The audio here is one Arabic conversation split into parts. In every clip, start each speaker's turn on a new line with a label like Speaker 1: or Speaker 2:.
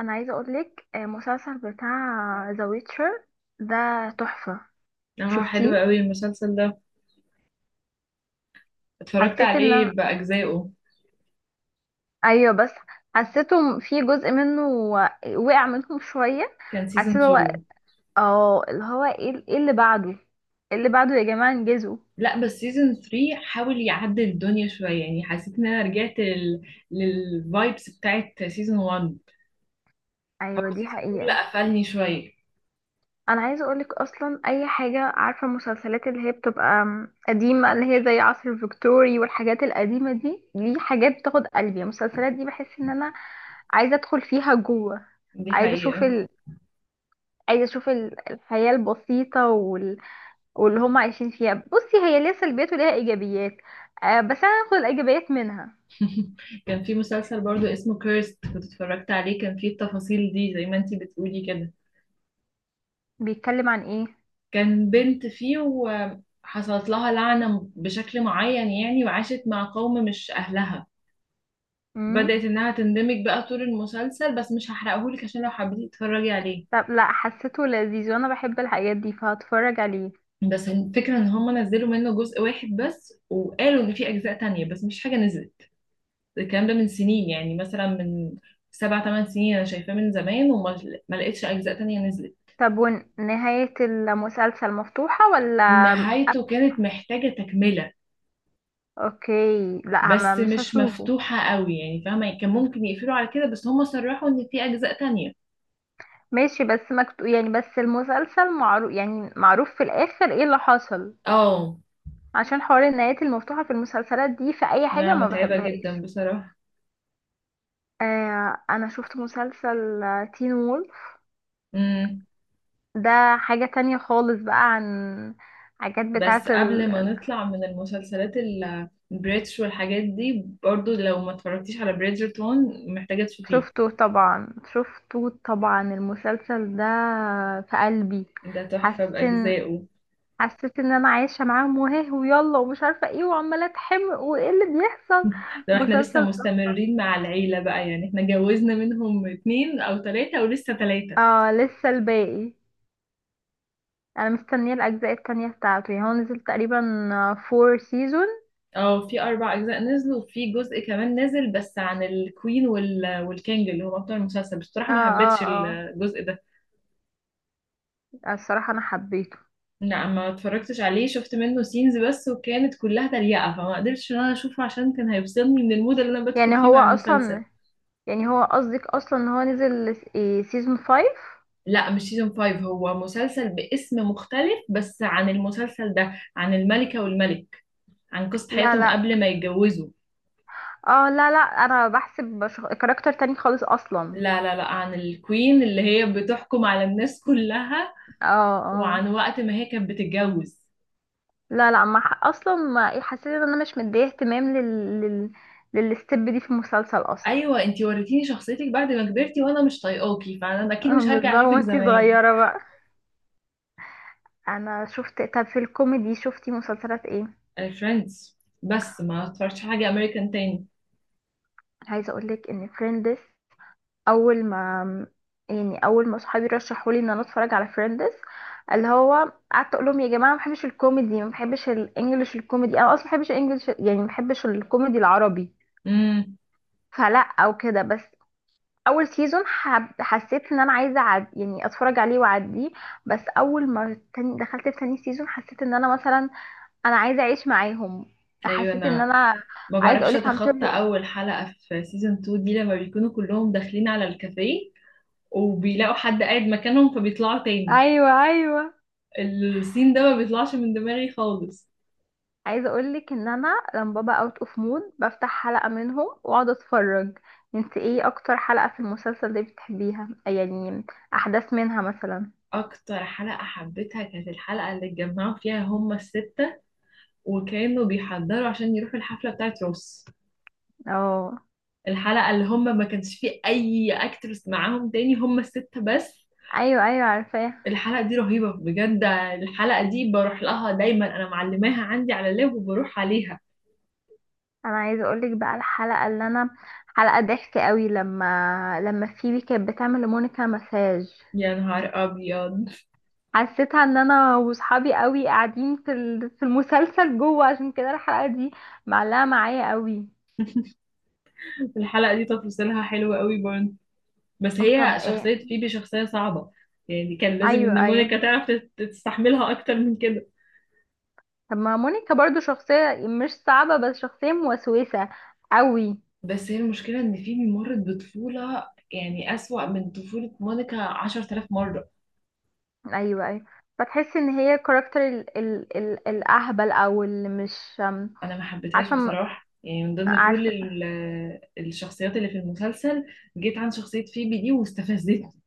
Speaker 1: انا عايزه اقولك مسلسل بتاع ذا ويتشر ده تحفه.
Speaker 2: اه، حلو
Speaker 1: شفتيه؟
Speaker 2: قوي المسلسل ده. اتفرجت
Speaker 1: حسيت ان انا
Speaker 2: عليه بأجزائه.
Speaker 1: ايوه بس حسيته في جزء منه وقع منهم شويه.
Speaker 2: كان سيزون
Speaker 1: حسيت هو
Speaker 2: 2.
Speaker 1: اه اللي هو إيه اللي بعده. إيه اللي بعده يا جماعه انجزوا.
Speaker 2: لا، بس سيزون 3 حاول يعدل الدنيا شوية، يعني حسيت ان انا رجعت للفايبس بتاعت سيزون 1. هو
Speaker 1: ايوه دي
Speaker 2: سيزون 2 اللي
Speaker 1: حقيقه.
Speaker 2: قفلني شوية.
Speaker 1: انا عايزه اقولك اصلا اي حاجه، عارفه المسلسلات اللي هي بتبقى قديمه اللي هي زي عصر الفيكتوري والحاجات القديمه دي حاجات بتاخد قلبي. المسلسلات دي بحس ان انا عايزه ادخل فيها جوه.
Speaker 2: دي
Speaker 1: عايزه اشوف
Speaker 2: حقيقة.
Speaker 1: عايزه اشوف الحياه البسيطه واللي هم عايشين فيها. بصي، هي ليها سلبيات وليها ايجابيات. آه بس انا هاخد الايجابيات منها.
Speaker 2: كان في مسلسل برضو اسمه كيرست كنت اتفرجت عليه، كان فيه التفاصيل دي زي ما انتي بتقولي كده.
Speaker 1: بيتكلم عن ايه؟
Speaker 2: كان بنت فيه وحصلت لها لعنة بشكل معين، يعني وعاشت مع قوم مش أهلها.
Speaker 1: امم.
Speaker 2: بدأت إنها تندمج بقى طول المسلسل، بس مش هحرقهولك عشان لو حبيتي تتفرجي عليه.
Speaker 1: طب لا، حسيته لذيذ وانا بحب الحاجات دي فهتفرج عليه.
Speaker 2: بس الفكرة إن هما نزلوا منه جزء واحد بس، وقالوا إن في أجزاء تانية، بس مش حاجة نزلت. الكلام ده من سنين، يعني مثلا من 7 8 سنين. أنا شايفاه من زمان وما ما لقيتش أجزاء تانية نزلت.
Speaker 1: طب ونهاية المسلسل مفتوحة ولا؟ قف-
Speaker 2: نهايته كانت محتاجة تكملة.
Speaker 1: اوكي لا، ما
Speaker 2: بس
Speaker 1: مش
Speaker 2: مش
Speaker 1: هشوفه.
Speaker 2: مفتوحة قوي، يعني فاهمة، يعني كان ممكن يقفلوا على كده بس هما صرحوا إن في أجزاء تانية.
Speaker 1: ماشي بس يعني بس المسلسل معروف، يعني معروف في الاخر ايه اللي حصل.
Speaker 2: اه.
Speaker 1: عشان حوار النهايات المفتوحة في المسلسلات دي في اي حاجة
Speaker 2: لا،
Speaker 1: ما
Speaker 2: متعبة جدا
Speaker 1: بحبهاش.
Speaker 2: بصراحة.
Speaker 1: انا شفت مسلسل تين وولف. ده حاجة تانية خالص بقى عن حاجات
Speaker 2: بس
Speaker 1: بتاعت
Speaker 2: قبل ما نطلع من المسلسلات البريتش والحاجات دي، برضو لو ما اتفرجتيش على بريدجرتون محتاجة تشوفيه.
Speaker 1: شفته طبعا، شفته طبعا، المسلسل ده في قلبي.
Speaker 2: ده تحفة
Speaker 1: حاسس إن-
Speaker 2: بأجزائه.
Speaker 1: حسيت ان انا عايشه معاهم وهاه ويلا ومش عارفه ايه وعماله اتحمق وايه اللي بيحصل.
Speaker 2: لو احنا لسه
Speaker 1: مسلسل تحفة.
Speaker 2: مستمرين مع العيلة بقى، يعني احنا جوزنا منهم اتنين أو تلاتة ولسه تلاتة.
Speaker 1: اه لسه الباقي. انا مستنيه الاجزاء التانية بتاعته. يعني هو نزل تقريبا فور سيزون.
Speaker 2: اه، في 4 أجزاء نزلوا، وفي جزء كمان نزل بس عن الكوين والكينج اللي هو بطل المسلسل، بس بصراحة
Speaker 1: اه
Speaker 2: ما حبيتش
Speaker 1: اه.
Speaker 2: الجزء ده.
Speaker 1: اه الصراحه انا حبيته.
Speaker 2: لا، ما اتفرجتش عليه، شفت منه سينز بس وكانت كلها تريقة، فما قدرتش ان انا اشوفه عشان كان هيفصلني من المود اللي انا بدخل
Speaker 1: يعني
Speaker 2: فيه
Speaker 1: هو
Speaker 2: مع المسلسل.
Speaker 1: اصلا يعني هو قصدك اصلا ان هو نزل سيزون فايف؟
Speaker 2: لا، مش سيزون 5، هو مسلسل باسم مختلف بس عن المسلسل ده، عن الملكة والملك، عن قصة
Speaker 1: لا
Speaker 2: حياتهم
Speaker 1: لا.
Speaker 2: قبل ما يتجوزوا.
Speaker 1: اه لا لا، انا بحسب كاركتر تاني خالص اصلا.
Speaker 2: لا لا لا، عن الكوين اللي هي بتحكم على الناس كلها،
Speaker 1: اه اه.
Speaker 2: وعن وقت ما هي كانت بتتجوز.
Speaker 1: لا لا ما ح- اصلا ما حسيت ان انا مش مديه اهتمام لل لل للستيب دي في المسلسل اصلا.
Speaker 2: ايوه، انتي وريتيني شخصيتك بعد ما كبرتي وانا مش طايقاكي، فانا اكيد مش هرجع
Speaker 1: بالظبط
Speaker 2: اشوفك
Speaker 1: وانتي
Speaker 2: زمان.
Speaker 1: صغيره بقى. انا شفت. طب في الكوميدي شفتي مسلسلات ايه؟
Speaker 2: فريندز بس، ما اتفرجتش حاجة امريكان تاني.
Speaker 1: عايزه اقولك ان فريندز، اول ما يعني اول ما صحابي رشحوا لي ان انا اتفرج على فريندز، اللي هو قعدت اقول لهم يا جماعه ما بحبش الكوميدي، ما بحبش الانجليش الكوميدي، انا اصلا ما بحبش الانجليش يعني، ما بحبش الكوميدي العربي.
Speaker 2: امم.
Speaker 1: فلا او كده بس. اول سيزون حسيت ان انا عايزه يعني اتفرج عليه واعديه. بس اول ما دخلت في تاني سيزون، حسيت ان انا مثلا انا عايزه اعيش معاهم.
Speaker 2: ايوه.
Speaker 1: حسيت ان
Speaker 2: انا
Speaker 1: انا
Speaker 2: ما
Speaker 1: عايزه
Speaker 2: بعرفش
Speaker 1: اقولك عم
Speaker 2: اتخطى
Speaker 1: تقول.
Speaker 2: اول حلقة في سيزون 2 دي، لما بيكونوا كلهم داخلين على الكافيه وبيلاقوا حد قاعد مكانهم فبيطلعوا تاني.
Speaker 1: ايوه ايوه.
Speaker 2: السين ده ما بيطلعش من دماغي خالص.
Speaker 1: عايزه اقولك ان انا لما بابا اوت اوف مود بفتح حلقه منهم واقعد اتفرج. انت ايه اكتر حلقه في المسلسل ده بتحبيها يعني؟ احداث منها مثلا.
Speaker 2: اكتر حلقة حبيتها كانت الحلقة اللي اتجمعوا فيها هما الستة وكانوا بيحضروا عشان يروحوا الحفلة بتاعت روس.
Speaker 1: اه
Speaker 2: الحلقة اللي هما ما كانش فيه اي اكترس معاهم تاني، هما الستة بس.
Speaker 1: ايوه ايوه عارفاها.
Speaker 2: الحلقة دي رهيبة بجد. الحلقة دي بروح لها دايما، أنا معلماها عندي على اللاب وبروح عليها.
Speaker 1: انا عايزه اقولك بقى الحلقه اللي انا، حلقه ضحك قوي لما فيبي كانت بتعمل لمونيكا مساج.
Speaker 2: يا نهار أبيض.
Speaker 1: حسيتها ان انا وصحابي قوي قاعدين في في المسلسل جوه. عشان كده الحلقه دي معلقه معايا قوي.
Speaker 2: الحلقة دي تفاصيلها حلوة قوي برضه. بس هي
Speaker 1: طب ايه؟
Speaker 2: شخصية فيبي شخصية صعبة. يعني كان لازم
Speaker 1: ايوه
Speaker 2: إن
Speaker 1: ايوه.
Speaker 2: مونيكا تعرف تستحملها أكتر من كده.
Speaker 1: طب ما مونيكا برضو شخصيه مش صعبه، بس شخصيه موسوسه قوي.
Speaker 2: بس هي المشكلة إن فيبي مرت بطفولة، يعني أسوأ من طفولة مونيكا 10,000 مرة.
Speaker 1: ايوه ايوه. فتحس ان هي كاركتر ال ال ال الاهبل او اللي مش
Speaker 2: أنا ما حبيتهاش
Speaker 1: عارفه،
Speaker 2: بصراحة، يعني من ضمن كل
Speaker 1: عارفه.
Speaker 2: الشخصيات اللي في المسلسل، جيت عن شخصية فيبي دي واستفزتني.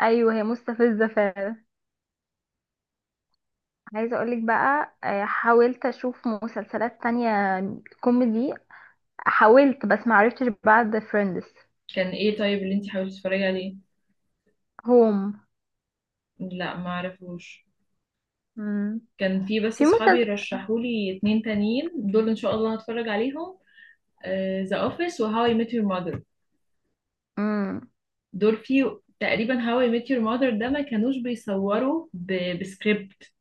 Speaker 1: ايوه هي مستفزه فعلا. عايزة اقولك بقى حاولت اشوف مسلسلات تانية كوميدي. حاولت بس معرفتش بعد فريندز.
Speaker 2: كان ايه طيب اللي انتي حاولتي تتفرجي عليه؟
Speaker 1: هوم.
Speaker 2: لا، ما اعرفوش.
Speaker 1: امم.
Speaker 2: كان في بس
Speaker 1: في
Speaker 2: اصحابي
Speaker 1: مسلسل.
Speaker 2: رشحولي اتنين تانيين دول، ان شاء الله هتفرج عليهم. ذا اوفيس وهاو اي ميت يور ماذر.
Speaker 1: مم.
Speaker 2: دول في تقريبا. هاو اي ميت يور ماذر ده ما كانوش بيصوروا بسكريبت،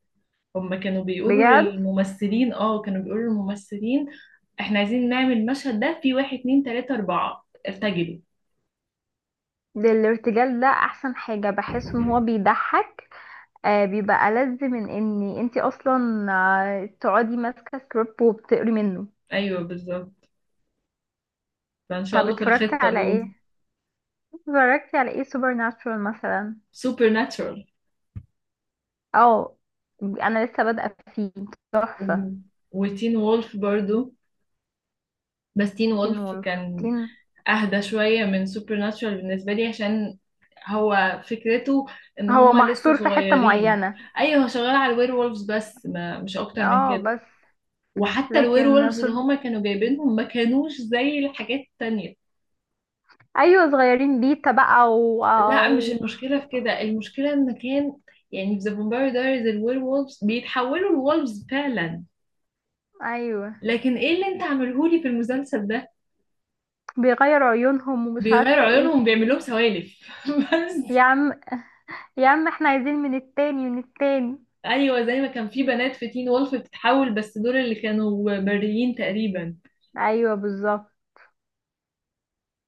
Speaker 2: هم كانوا بيقولوا
Speaker 1: بجد؟
Speaker 2: للممثلين، اه كانوا بيقولوا للممثلين: احنا عايزين نعمل المشهد ده في 1 2 3 4، ارتجلوا.
Speaker 1: ده الارتجال ده احسن حاجة، بحس ان هو بيضحك. بيبقى ألذ من ان انتي اصلا تقعدي ماسكة سكريبت وبتقري منه.
Speaker 2: ايوه بالظبط. فان شاء
Speaker 1: طب
Speaker 2: الله في
Speaker 1: اتفرجتي
Speaker 2: الخطة
Speaker 1: على
Speaker 2: دول.
Speaker 1: ايه؟ اتفرجتي على ايه، سوبر ناتشورال مثلا؟
Speaker 2: سوبر ناتشورال
Speaker 1: اه انا لسه بادئة فيه. تحفة.
Speaker 2: وتين وولف برضو. بس تين
Speaker 1: تين
Speaker 2: وولف
Speaker 1: وولف.
Speaker 2: كان اهدى شوية من سوبر ناتشورال بالنسبة لي، عشان هو فكرته ان
Speaker 1: هو
Speaker 2: هما لسه
Speaker 1: محصور في حتة
Speaker 2: صغيرين.
Speaker 1: معينة.
Speaker 2: ايوه هو شغال على الوير وولفز بس، ما مش اكتر من
Speaker 1: اه
Speaker 2: كده.
Speaker 1: بس.
Speaker 2: وحتى الوير
Speaker 1: لكن
Speaker 2: وولفز
Speaker 1: شوف.
Speaker 2: اللي هما كانوا جايبينهم ما كانوش زي الحاجات التانية.
Speaker 1: ايوه صغيرين بيتا بقى
Speaker 2: لا، مش المشكلة
Speaker 1: و...
Speaker 2: في كده، المشكلة ان كان، يعني في ذا فامباير دايريز الوير وولفز بيتحولوا لولفز فعلا،
Speaker 1: ايوه
Speaker 2: لكن ايه اللي انت عاملهولي في المسلسل ده؟
Speaker 1: بيغيروا عيونهم ومش
Speaker 2: بيغيروا
Speaker 1: عارفة ايه.
Speaker 2: عيونهم، بيعملوهم سوالف بس.
Speaker 1: يا عم يا عم احنا عايزين من التاني من التاني.
Speaker 2: ايوه، زي ما كان في بنات في تين وولف بتتحول، بس دول اللي كانوا بريين تقريبا.
Speaker 1: ايوه بالظبط.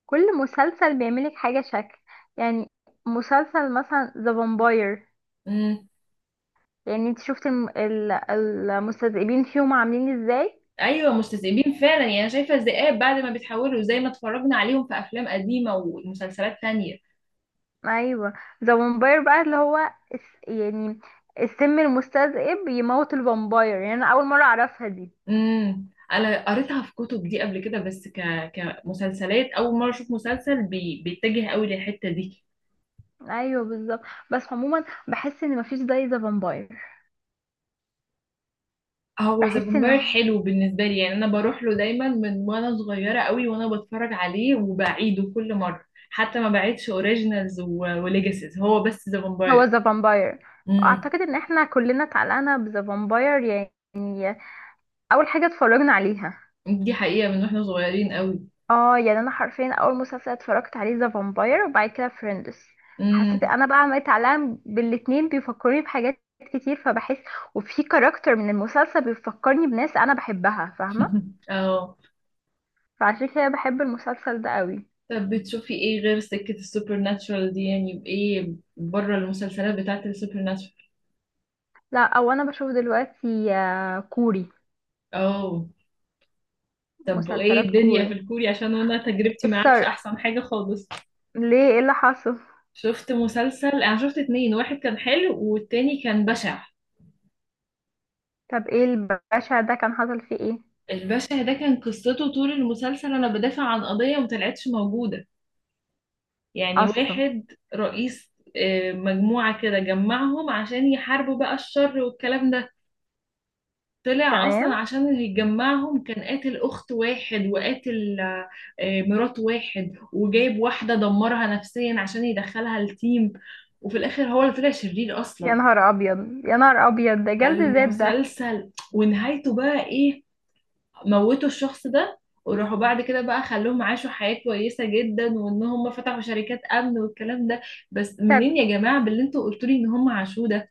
Speaker 1: كل مسلسل بيعملك حاجة شكل يعني. مسلسل مثلا ذا فامباير
Speaker 2: امم.
Speaker 1: يعني، انت شفت المستذئبين فيهم عاملين ازاي.
Speaker 2: ايوه مستذئبين فعلا، يعني انا شايفه الذئاب بعد ما بيتحولوا زي ما اتفرجنا عليهم في افلام قديمه ومسلسلات تانية.
Speaker 1: ايوه ذا وامباير بقى اللي هو يعني السم المستذئب يموت الفامباير يعني انا اول مره اعرفها دي.
Speaker 2: انا قريتها في كتب دي قبل كده، بس كمسلسلات اول مره اشوف مسلسل بيتجه قوي للحته دي.
Speaker 1: ايوه بالظبط. بس عموما بحس ان مفيش زي ذا فامباير.
Speaker 2: هو ذا
Speaker 1: بحس ان
Speaker 2: فامباير حلو بالنسبه لي، يعني انا بروح له دايما من وانا صغيره قوي وانا بتفرج عليه وبعيده كل مره، حتى ما بعيدش اوريجينالز وليجاسيز، هو بس ذا
Speaker 1: هو
Speaker 2: فامباير.
Speaker 1: ذا فامباير،
Speaker 2: امم.
Speaker 1: واعتقد ان احنا كلنا اتعلقنا بذا فامباير يعني اول حاجه اتفرجنا عليها.
Speaker 2: دي حقيقه من واحنا صغيرين قوي.
Speaker 1: اه يعني انا حرفيا اول مسلسل اتفرجت عليه ذا فامباير وبعد كده فريندس. حسيت
Speaker 2: امم.
Speaker 1: انا بقى عملت علام بالاتنين، بيفكرني بحاجات كتير فبحس. وفي كاركتر من المسلسل بيفكرني بناس انا بحبها، فاهمه.
Speaker 2: اه.
Speaker 1: فعشان كده بحب المسلسل ده قوي.
Speaker 2: طب بتشوفي ايه غير سكه السوبر ناتشورال دي؟ يعني ايه بره المسلسلات بتاعت السوبر ناتشورال؟
Speaker 1: لا او انا بشوف دلوقتي كوري.
Speaker 2: اه. طب وايه
Speaker 1: مسلسلات
Speaker 2: الدنيا في
Speaker 1: كوري.
Speaker 2: الكوري؟ عشان انا تجربتي معاه مش
Speaker 1: السرق.
Speaker 2: احسن حاجه خالص.
Speaker 1: ليه؟ ايه اللي حصل؟
Speaker 2: شفت مسلسل، انا شفت اتنين، واحد كان حلو والتاني كان بشع.
Speaker 1: طب ايه الباشا ده كان حصل فيه ايه؟
Speaker 2: البشع ده كان قصته طول المسلسل انا بدافع عن قضية مطلعتش موجودة. يعني
Speaker 1: اصلا.
Speaker 2: واحد رئيس مجموعة كده جمعهم عشان يحاربوا بقى الشر والكلام ده. طلع اصلا
Speaker 1: تمام.
Speaker 2: عشان اللي يجمعهم كان قاتل اخت واحد، وقاتل مرات واحد، وجايب واحدة دمرها نفسيا عشان يدخلها التيم. وفي الاخر هو اللي طلع شرير
Speaker 1: يا
Speaker 2: اصلا.
Speaker 1: نهار ابيض، يا نهار ابيض، ده جلد ذات ده.
Speaker 2: فالمسلسل ونهايته بقى ايه؟ موتوا الشخص ده، وراحوا بعد كده بقى خلوهم عاشوا حياة كويسة جدا وان هم فتحوا شركات امن والكلام ده. بس
Speaker 1: طب
Speaker 2: منين يا جماعة باللي انتوا قلتوا لي ان هم عاشوه ده؟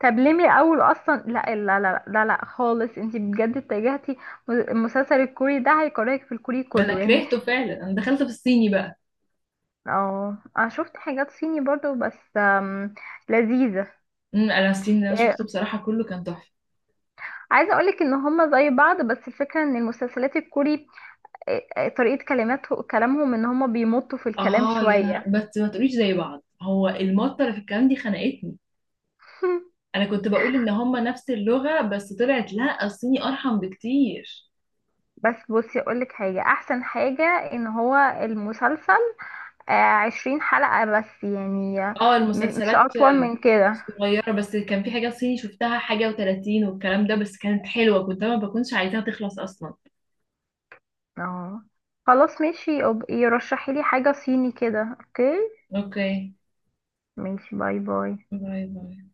Speaker 1: طب ليه من الاول اصلا؟ لا لا لا لا لا خالص. انتي بجد اتجهتي. المسلسل الكوري ده هيكرهك في الكوري
Speaker 2: ما انا
Speaker 1: كله يعني.
Speaker 2: كرهته فعلا، انا دخلت في الصيني بقى.
Speaker 1: اه انا شفت حاجات صيني برضو بس لذيذة.
Speaker 2: انا الصيني اللي انا
Speaker 1: آه،
Speaker 2: شفته بصراحة كله كان تحفة.
Speaker 1: عايزة اقولك ان هما زي بعض، بس الفكرة ان المسلسلات الكوري طريقة كلماته كلامهم ان هما بيمطوا في الكلام
Speaker 2: اه يا
Speaker 1: شوية.
Speaker 2: نهار، بس ما تقوليش زي بعض، هو المطة اللي في الكلام دي خنقتني. انا كنت بقول ان هم نفس اللغة، بس طلعت لا، الصيني ارحم بكتير.
Speaker 1: بس بصي اقولك حاجة احسن حاجة، ان هو المسلسل 20 حلقة بس يعني، آه،
Speaker 2: اه،
Speaker 1: مش
Speaker 2: المسلسلات
Speaker 1: اطول من كده.
Speaker 2: صغيرة، بس كان في حاجات صيني شفتها حاجة وتلاتين والكلام ده، بس كانت حلوة كنت أنا ما بكونش عايزاها تخلص أصلا.
Speaker 1: اه خلاص ماشي، يبقى يرشحي لي حاجة صيني كده. اوكي.
Speaker 2: اوكي.
Speaker 1: ماشي باي باي.
Speaker 2: باي باي.